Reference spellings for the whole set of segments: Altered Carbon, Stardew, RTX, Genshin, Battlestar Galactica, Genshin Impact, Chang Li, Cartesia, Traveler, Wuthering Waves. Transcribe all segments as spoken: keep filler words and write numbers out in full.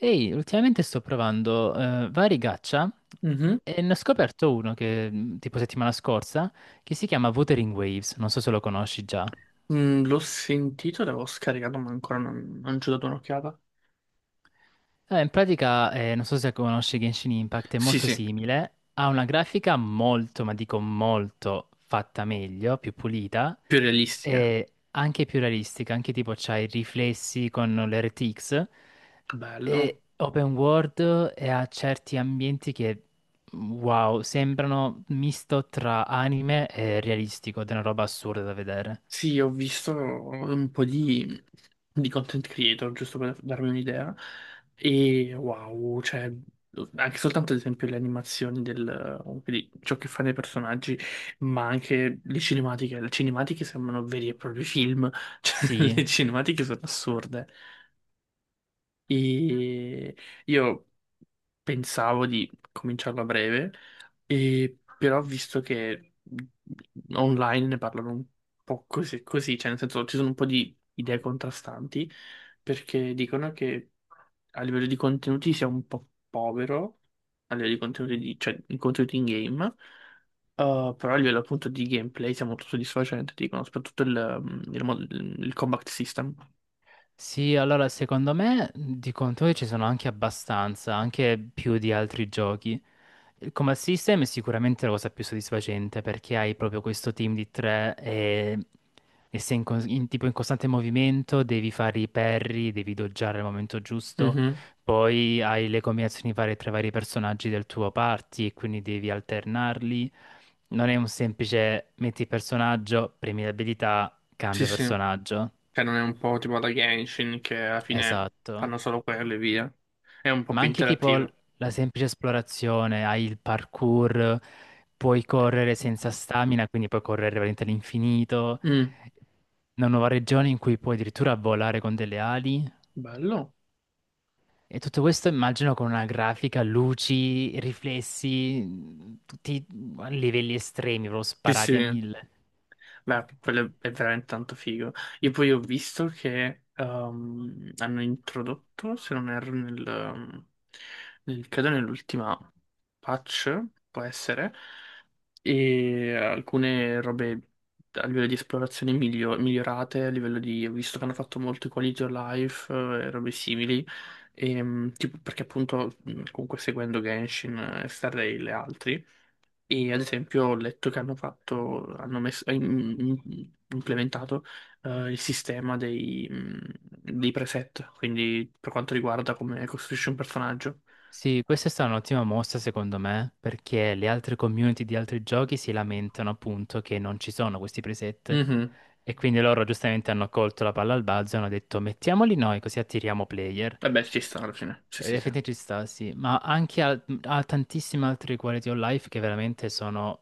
Ehi, ultimamente sto provando eh, vari gacha Mhm. e ne ho scoperto uno che, mh, tipo settimana scorsa, che si chiama Wuthering Waves, non so se lo conosci già. Mm, l'ho sentito, l'avevo scaricato, ma ancora non, non ci ho dato un'occhiata. Eh, in pratica, eh, non so se conosci Genshin Impact, è Sì, molto sì, simile, ha una grafica molto, ma dico molto, fatta meglio, più pulita più realistica. e anche più realistica, anche tipo c'ha i riflessi con le R T X, Bello. è open world e ha certi ambienti che, wow, sembrano misto tra anime e realistico, ed è una roba assurda da vedere. Sì, ho visto un po' di, di content creator, giusto per darmi un'idea. E wow, cioè, anche soltanto ad esempio le animazioni del, comunque di ciò che fanno i personaggi, ma anche le cinematiche. Le cinematiche sembrano veri e propri film, cioè Sì, le cinematiche sono assurde. E io pensavo di cominciarlo a breve, e però ho visto che online ne parlano un po' così, così, cioè nel senso ci sono un po' di idee contrastanti, perché dicono che a livello di contenuti sia un po' povero, a livello di contenuti, di- cioè di contenuti in game. Uh, però a livello appunto di gameplay sia molto soddisfacente, dicono, soprattutto il, um, il mod- il combat system. sì, allora secondo me di contenuti ci sono anche abbastanza, anche più di altri giochi. Come assistem è sicuramente la cosa più soddisfacente perché hai proprio questo team di tre e, e sei in, cos- in- tipo in costante movimento, devi fare i parry, devi doggiare al momento giusto, Mhm. poi hai le combinazioni varie tra i vari personaggi del tuo party e quindi devi alternarli. Non è un semplice metti personaggio, premi l'abilità, Sì, cambia sì. personaggio. Cioè, non è un po' tipo la Genshin che alla fine Esatto. fanno solo quello e via. È un po' Ma più anche tipo l- interattivo. la semplice esplorazione, hai il parkour, puoi correre senza stamina, quindi puoi correre veramente all'infinito, Mm, una nuova regione in cui puoi addirittura volare con delle ali. bello. E tutto questo immagino con una grafica, luci, riflessi, tutti a livelli estremi, proprio Sì, sparati a sì. mille. Beh, quello è veramente tanto figo. Io poi ho visto che ehm, hanno introdotto, se non erro, nel, ehm, nel- credo nell'ultima patch, può essere, e alcune robe a livello di esplorazione miglio- migliorate, a livello di, ho visto che hanno fatto molto i quality of life eh, e robe simili, ehm, tipo- perché appunto mh, comunque seguendo Genshin eh, e Stardew e altri. E ad esempio ho letto che hanno fatto, hanno messo, im- im- implementato eh, il sistema dei, mm, dei preset, quindi per quanto riguarda come costruisci un personaggio. Sì, questa è stata un'ottima mossa secondo me, perché le altre community di altri giochi si lamentano appunto che non ci sono questi preset Mhm. e quindi loro giustamente hanno colto la palla al balzo e hanno detto mettiamoli noi così attiriamo player. Vabbè, ci sta alla fine. Sì, Ed sì, effettivamente ci sta, sì, ma anche al- a, tantissime altre quality of life che veramente sono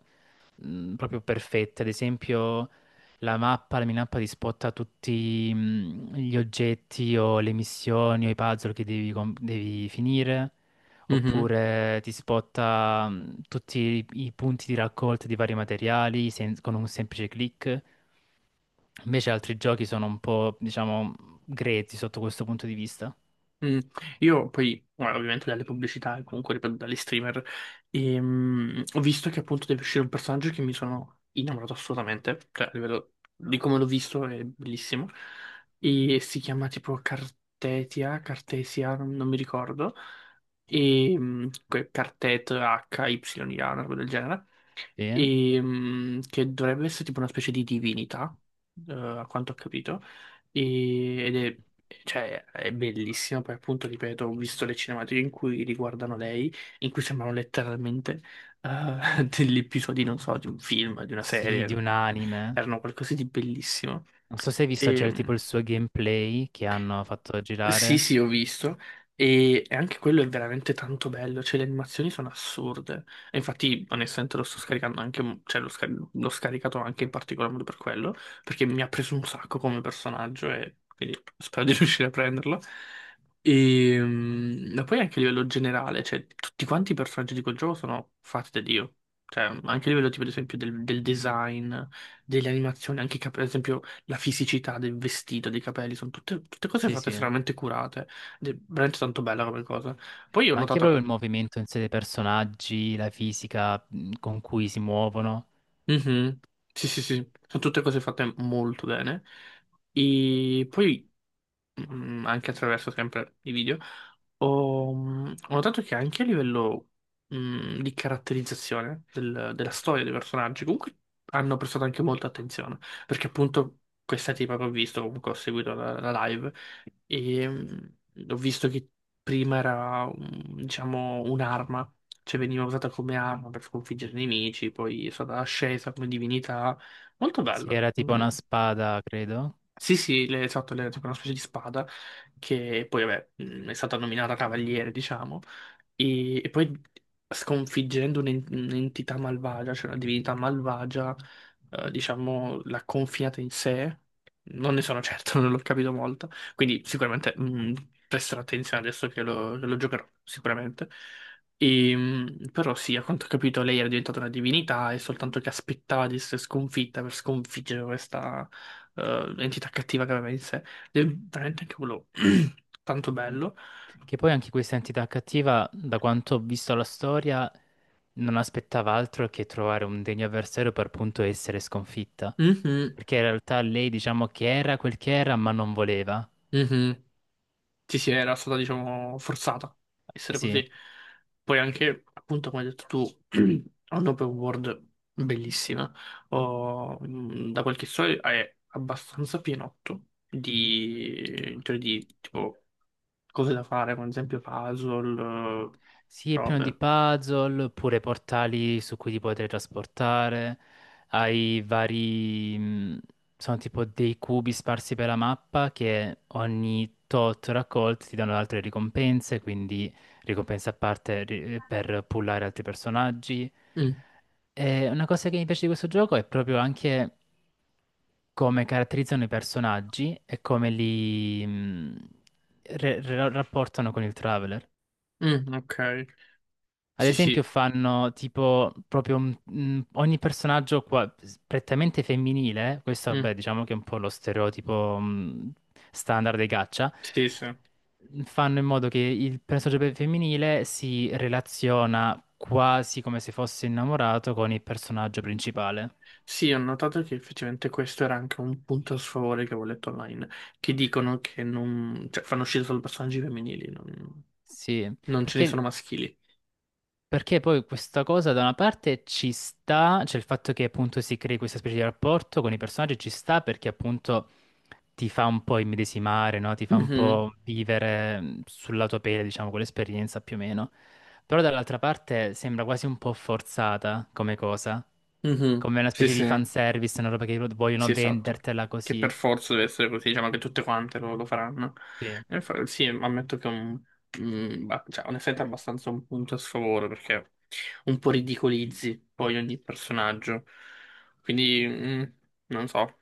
mh, proprio perfette. Ad esempio, la mappa, la minappa ti spotta tutti, mh, gli oggetti o le missioni o i puzzle che devi, com- devi finire, sì. oppure ti spotta, mh, tutti i, i punti di raccolta di vari materiali sen- con un semplice click. Invece altri giochi sono un po', diciamo, grezzi sotto questo punto di vista. Mm, io poi, guarda, ovviamente dalle pubblicità e comunque ripeto dagli streamer, ehm, ho visto che appunto deve uscire un personaggio che mi sono innamorato assolutamente, cioè a livello di come l'ho visto è bellissimo, e si chiama tipo Cartetia, Cartesia, non non mi ricordo, e mm, que- Cartet acca ipsilon a, una roba del genere, Sì. e, mh, che dovrebbe essere tipo una specie di divinità, eh, a quanto ho capito, e- ed è, cioè, è bellissima, poi appunto, ripeto, ho visto le cinematiche in cui riguardano lei, in cui sembrano letteralmente eh, degli episodi, non so, di un film, di una Sì, di serie, un anime. erano qualcosa di bellissimo. Non so se hai visto già il- tipo Ehm, il suo gameplay che hanno fatto sì, girare. sì, ho visto. E, e anche quello è veramente tanto bello. Cioè, le animazioni sono assurde. E infatti, onestamente, lo sto scaricando anche. Cioè, l'ho scar- l'ho scaricato anche in particolar modo per quello. Perché mi ha preso un sacco come personaggio. E quindi spero di riuscire a prenderlo. E, mm, ma poi anche a livello generale, cioè, tutti quanti i personaggi di quel gioco sono fatti da Dio. Cioè, anche a livello, tipo, ad esempio, del, del design, delle animazioni, anche, per esempio la fisicità del vestito, dei capelli, sono tutte, tutte cose Sì, fatte sì. Ma estremamente curate. Ed è veramente tanto bella come cosa. Poi io ho anche notato. proprio il movimento in sé dei personaggi, la fisica, mh, con cui si muovono. Mhm. Sì, sì, sì, sono tutte cose fatte molto bene. E poi mm, anche attraverso sempre i video, ho, mm, ho notato che anche a livello mm, di caratterizzazione del- della storia dei personaggi, comunque hanno prestato anche molta attenzione, perché appunto questa tipa che ho visto, comunque ho seguito la, la live, e mm, ho visto che prima era, mm, diciamo, un'arma, cioè veniva usata come arma per sconfiggere i nemici, poi è stata ascesa come divinità, molto Sì, bello. era tipo una Mm. spada, credo. Sì, sì, le- esatto, le, tipo una specie di spada che poi vabbè, mh, è stata nominata cavaliere, diciamo, e, e poi sconfiggendo un'en- un'entità malvagia, cioè una divinità malvagia, eh, diciamo, l'ha confinata in sé. Non ne sono certo, non l'ho capito molto, quindi sicuramente mh, presterò attenzione adesso che lo, che lo giocherò, sicuramente. E, mh, però sì, a quanto ho capito lei era diventata una divinità e soltanto che aspettava di essere sconfitta per sconfiggere questa eh, entità cattiva che aveva in sé. Ed è veramente anche quello tanto bello. Che poi anche questa entità cattiva, da quanto ho visto la storia, non aspettava altro che trovare un degno avversario per appunto essere sconfitta. Mhm, Perché in realtà lei, diciamo che era quel che era, ma non voleva. mhm. Sì, sì, era stata, diciamo, forzata a essere Sì. così. Poi anche, appunto, come hai detto tu, ha un'open world bellissima. Ho- mh, da quel che so è abbastanza pienotto di, cioè di tipo cose da fare, come ad esempio puzzle, eh, Sì, è pieno di robe. puzzle, oppure portali su cui ti puoi trasportare. Hai vari... mh, sono tipo dei cubi sparsi per la mappa che ogni tot raccolti ti danno altre ricompense, quindi ricompense a parte ri- per pullare altri personaggi. Mm, E una cosa che mi piace di questo gioco è proprio anche come caratterizzano i personaggi e come li, mh, re- re- rapportano con il Traveler. mm, ok. Ad Sì, esempio sì. fanno tipo proprio un- un- ogni personaggio qua, prettamente femminile, questo Mm, vabbè diciamo che è un po' lo stereotipo, mh, standard dei caccia, sì, sì. fanno in modo che il personaggio pe- femminile si relaziona quasi come se fosse innamorato con il personaggio principale. Sì, ho notato che effettivamente questo era anche un punto a sfavore che avevo letto online, che dicono che non, cioè, fanno uscire solo personaggi femminili, non, Sì, non ce ne perché sono maschili. Perché poi questa cosa da una parte ci sta, cioè il fatto che appunto si crei questa specie di rapporto con i personaggi ci sta perché appunto ti fa un po' immedesimare, no? Ti fa un Mhm, po' vivere, mh, sulla tua pelle, diciamo, quell'esperienza più o meno. Però dall'altra parte sembra quasi un po' forzata come cosa, mhm. come una Sì, specie di sì, fanservice, una roba che vogliono sì, esatto. vendertela Che per così. forza deve essere così, diciamo che tutte quante lo, lo faranno. Sì. E fa- sì, ammetto che è un, mm, ba- cioè, onestamente è abbastanza un punto a sfavore, perché un po' ridicolizzi poi ogni personaggio. Quindi, mm, non so,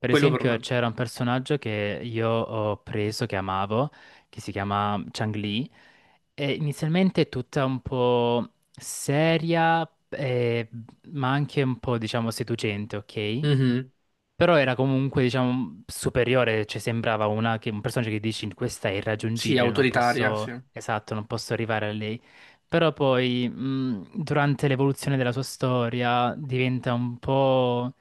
Per quello per esempio me. c'era un personaggio che io ho preso, che amavo, che si chiama Chang Li. Eh, inizialmente è tutta un po' seria, eh, ma anche un po', diciamo, seducente, ok? Mhm. Però era comunque, diciamo, superiore, cioè sembrava una che- un personaggio che dici questa è Sì, irraggiungibile, non autoritaria, sì. posso, esatto, non posso arrivare a lei. Però poi, mh, durante l'evoluzione della sua storia, diventa un po'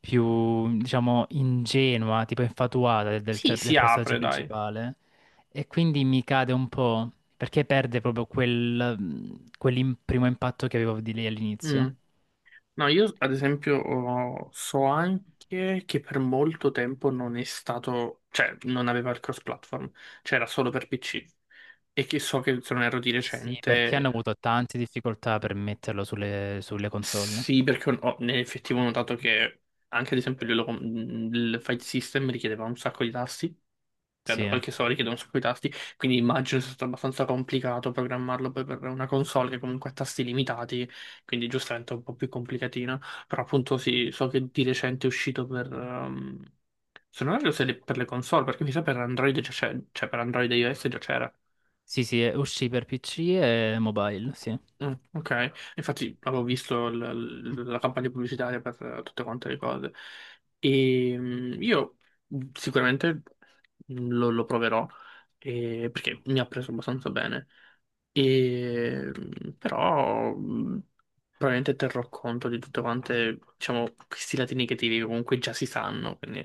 più, diciamo, ingenua, tipo infatuata del, Sì, del del si personaggio apre, dai. principale. E quindi mi cade un po' perché perde proprio quel, mh, quel primo impatto che avevo di lei Mm. all'inizio. No, io ad esempio ho- so anche che per molto tempo non è stato, cioè non aveva il cross-platform, cioè era solo per P C. E che so che se non erro di Sì, perché hanno recente, avuto tante difficoltà per metterlo sulle, sulle console. sì, perché ho, nell'effettivo ho notato che anche ad esempio il, il file system richiedeva un sacco di tasti. Cioè, da Sì, qualche soldi chiedono su quei tasti, quindi immagino sia stato abbastanza complicato programmarlo poi per una console che comunque ha tasti limitati, quindi giustamente è un po' più complicatina, però appunto sì, so che di recente è uscito per... ehm, se non erro se le- per le console, perché mi sa per Android già c'è, cioè per Android e i O S già c'era. sì, sì, uscì per P C e mobile, sì. Mm, ok, infatti avevo visto l- l- la campagna pubblicitaria per eh, tutte quante le cose. E mm, io mm, sicuramente lo, lo proverò eh, perché mi ha preso abbastanza bene. E, mh, però mh, probabilmente terrò conto di tutte quante, diciamo, questi lati negativi che comunque già si sanno, quindi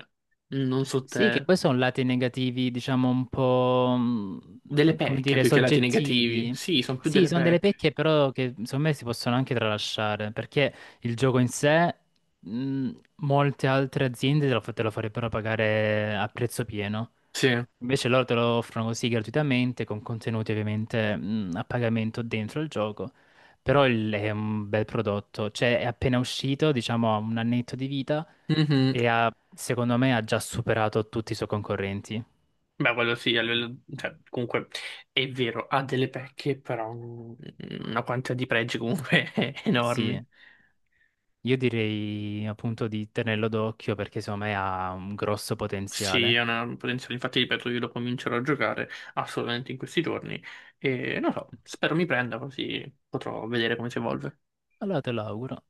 non so Sì, che te. poi sono lati negativi, diciamo un po', Delle mh, come pecche dire, più che lati negativi. soggettivi. Sì, sono più Sì, delle sono delle pecche. pecche però che secondo me si possono anche tralasciare, perché il gioco in sé, mh, molte altre aziende te lo, fa- te lo farebbero pagare a prezzo pieno. Sì. Invece loro te lo offrono così gratuitamente, con contenuti ovviamente, mh, a pagamento dentro il gioco. Però il- è un bel prodotto, cioè è appena uscito, diciamo ha un annetto di vita Mhm. e ha, secondo me ha già superato tutti i suoi concorrenti. Beh, quello sì, a livello- cioè, comunque è vero, ha delle pecche, però mh, una quantità di pregi comunque Sì, enormi. io direi appunto di tenerlo d'occhio perché secondo me ha un grosso Sì, è potenziale. una potenziale, infatti ripeto, io lo comincerò a giocare assolutamente in questi giorni e non so, spero mi prenda così potrò vedere come si evolve. Allora te lo auguro.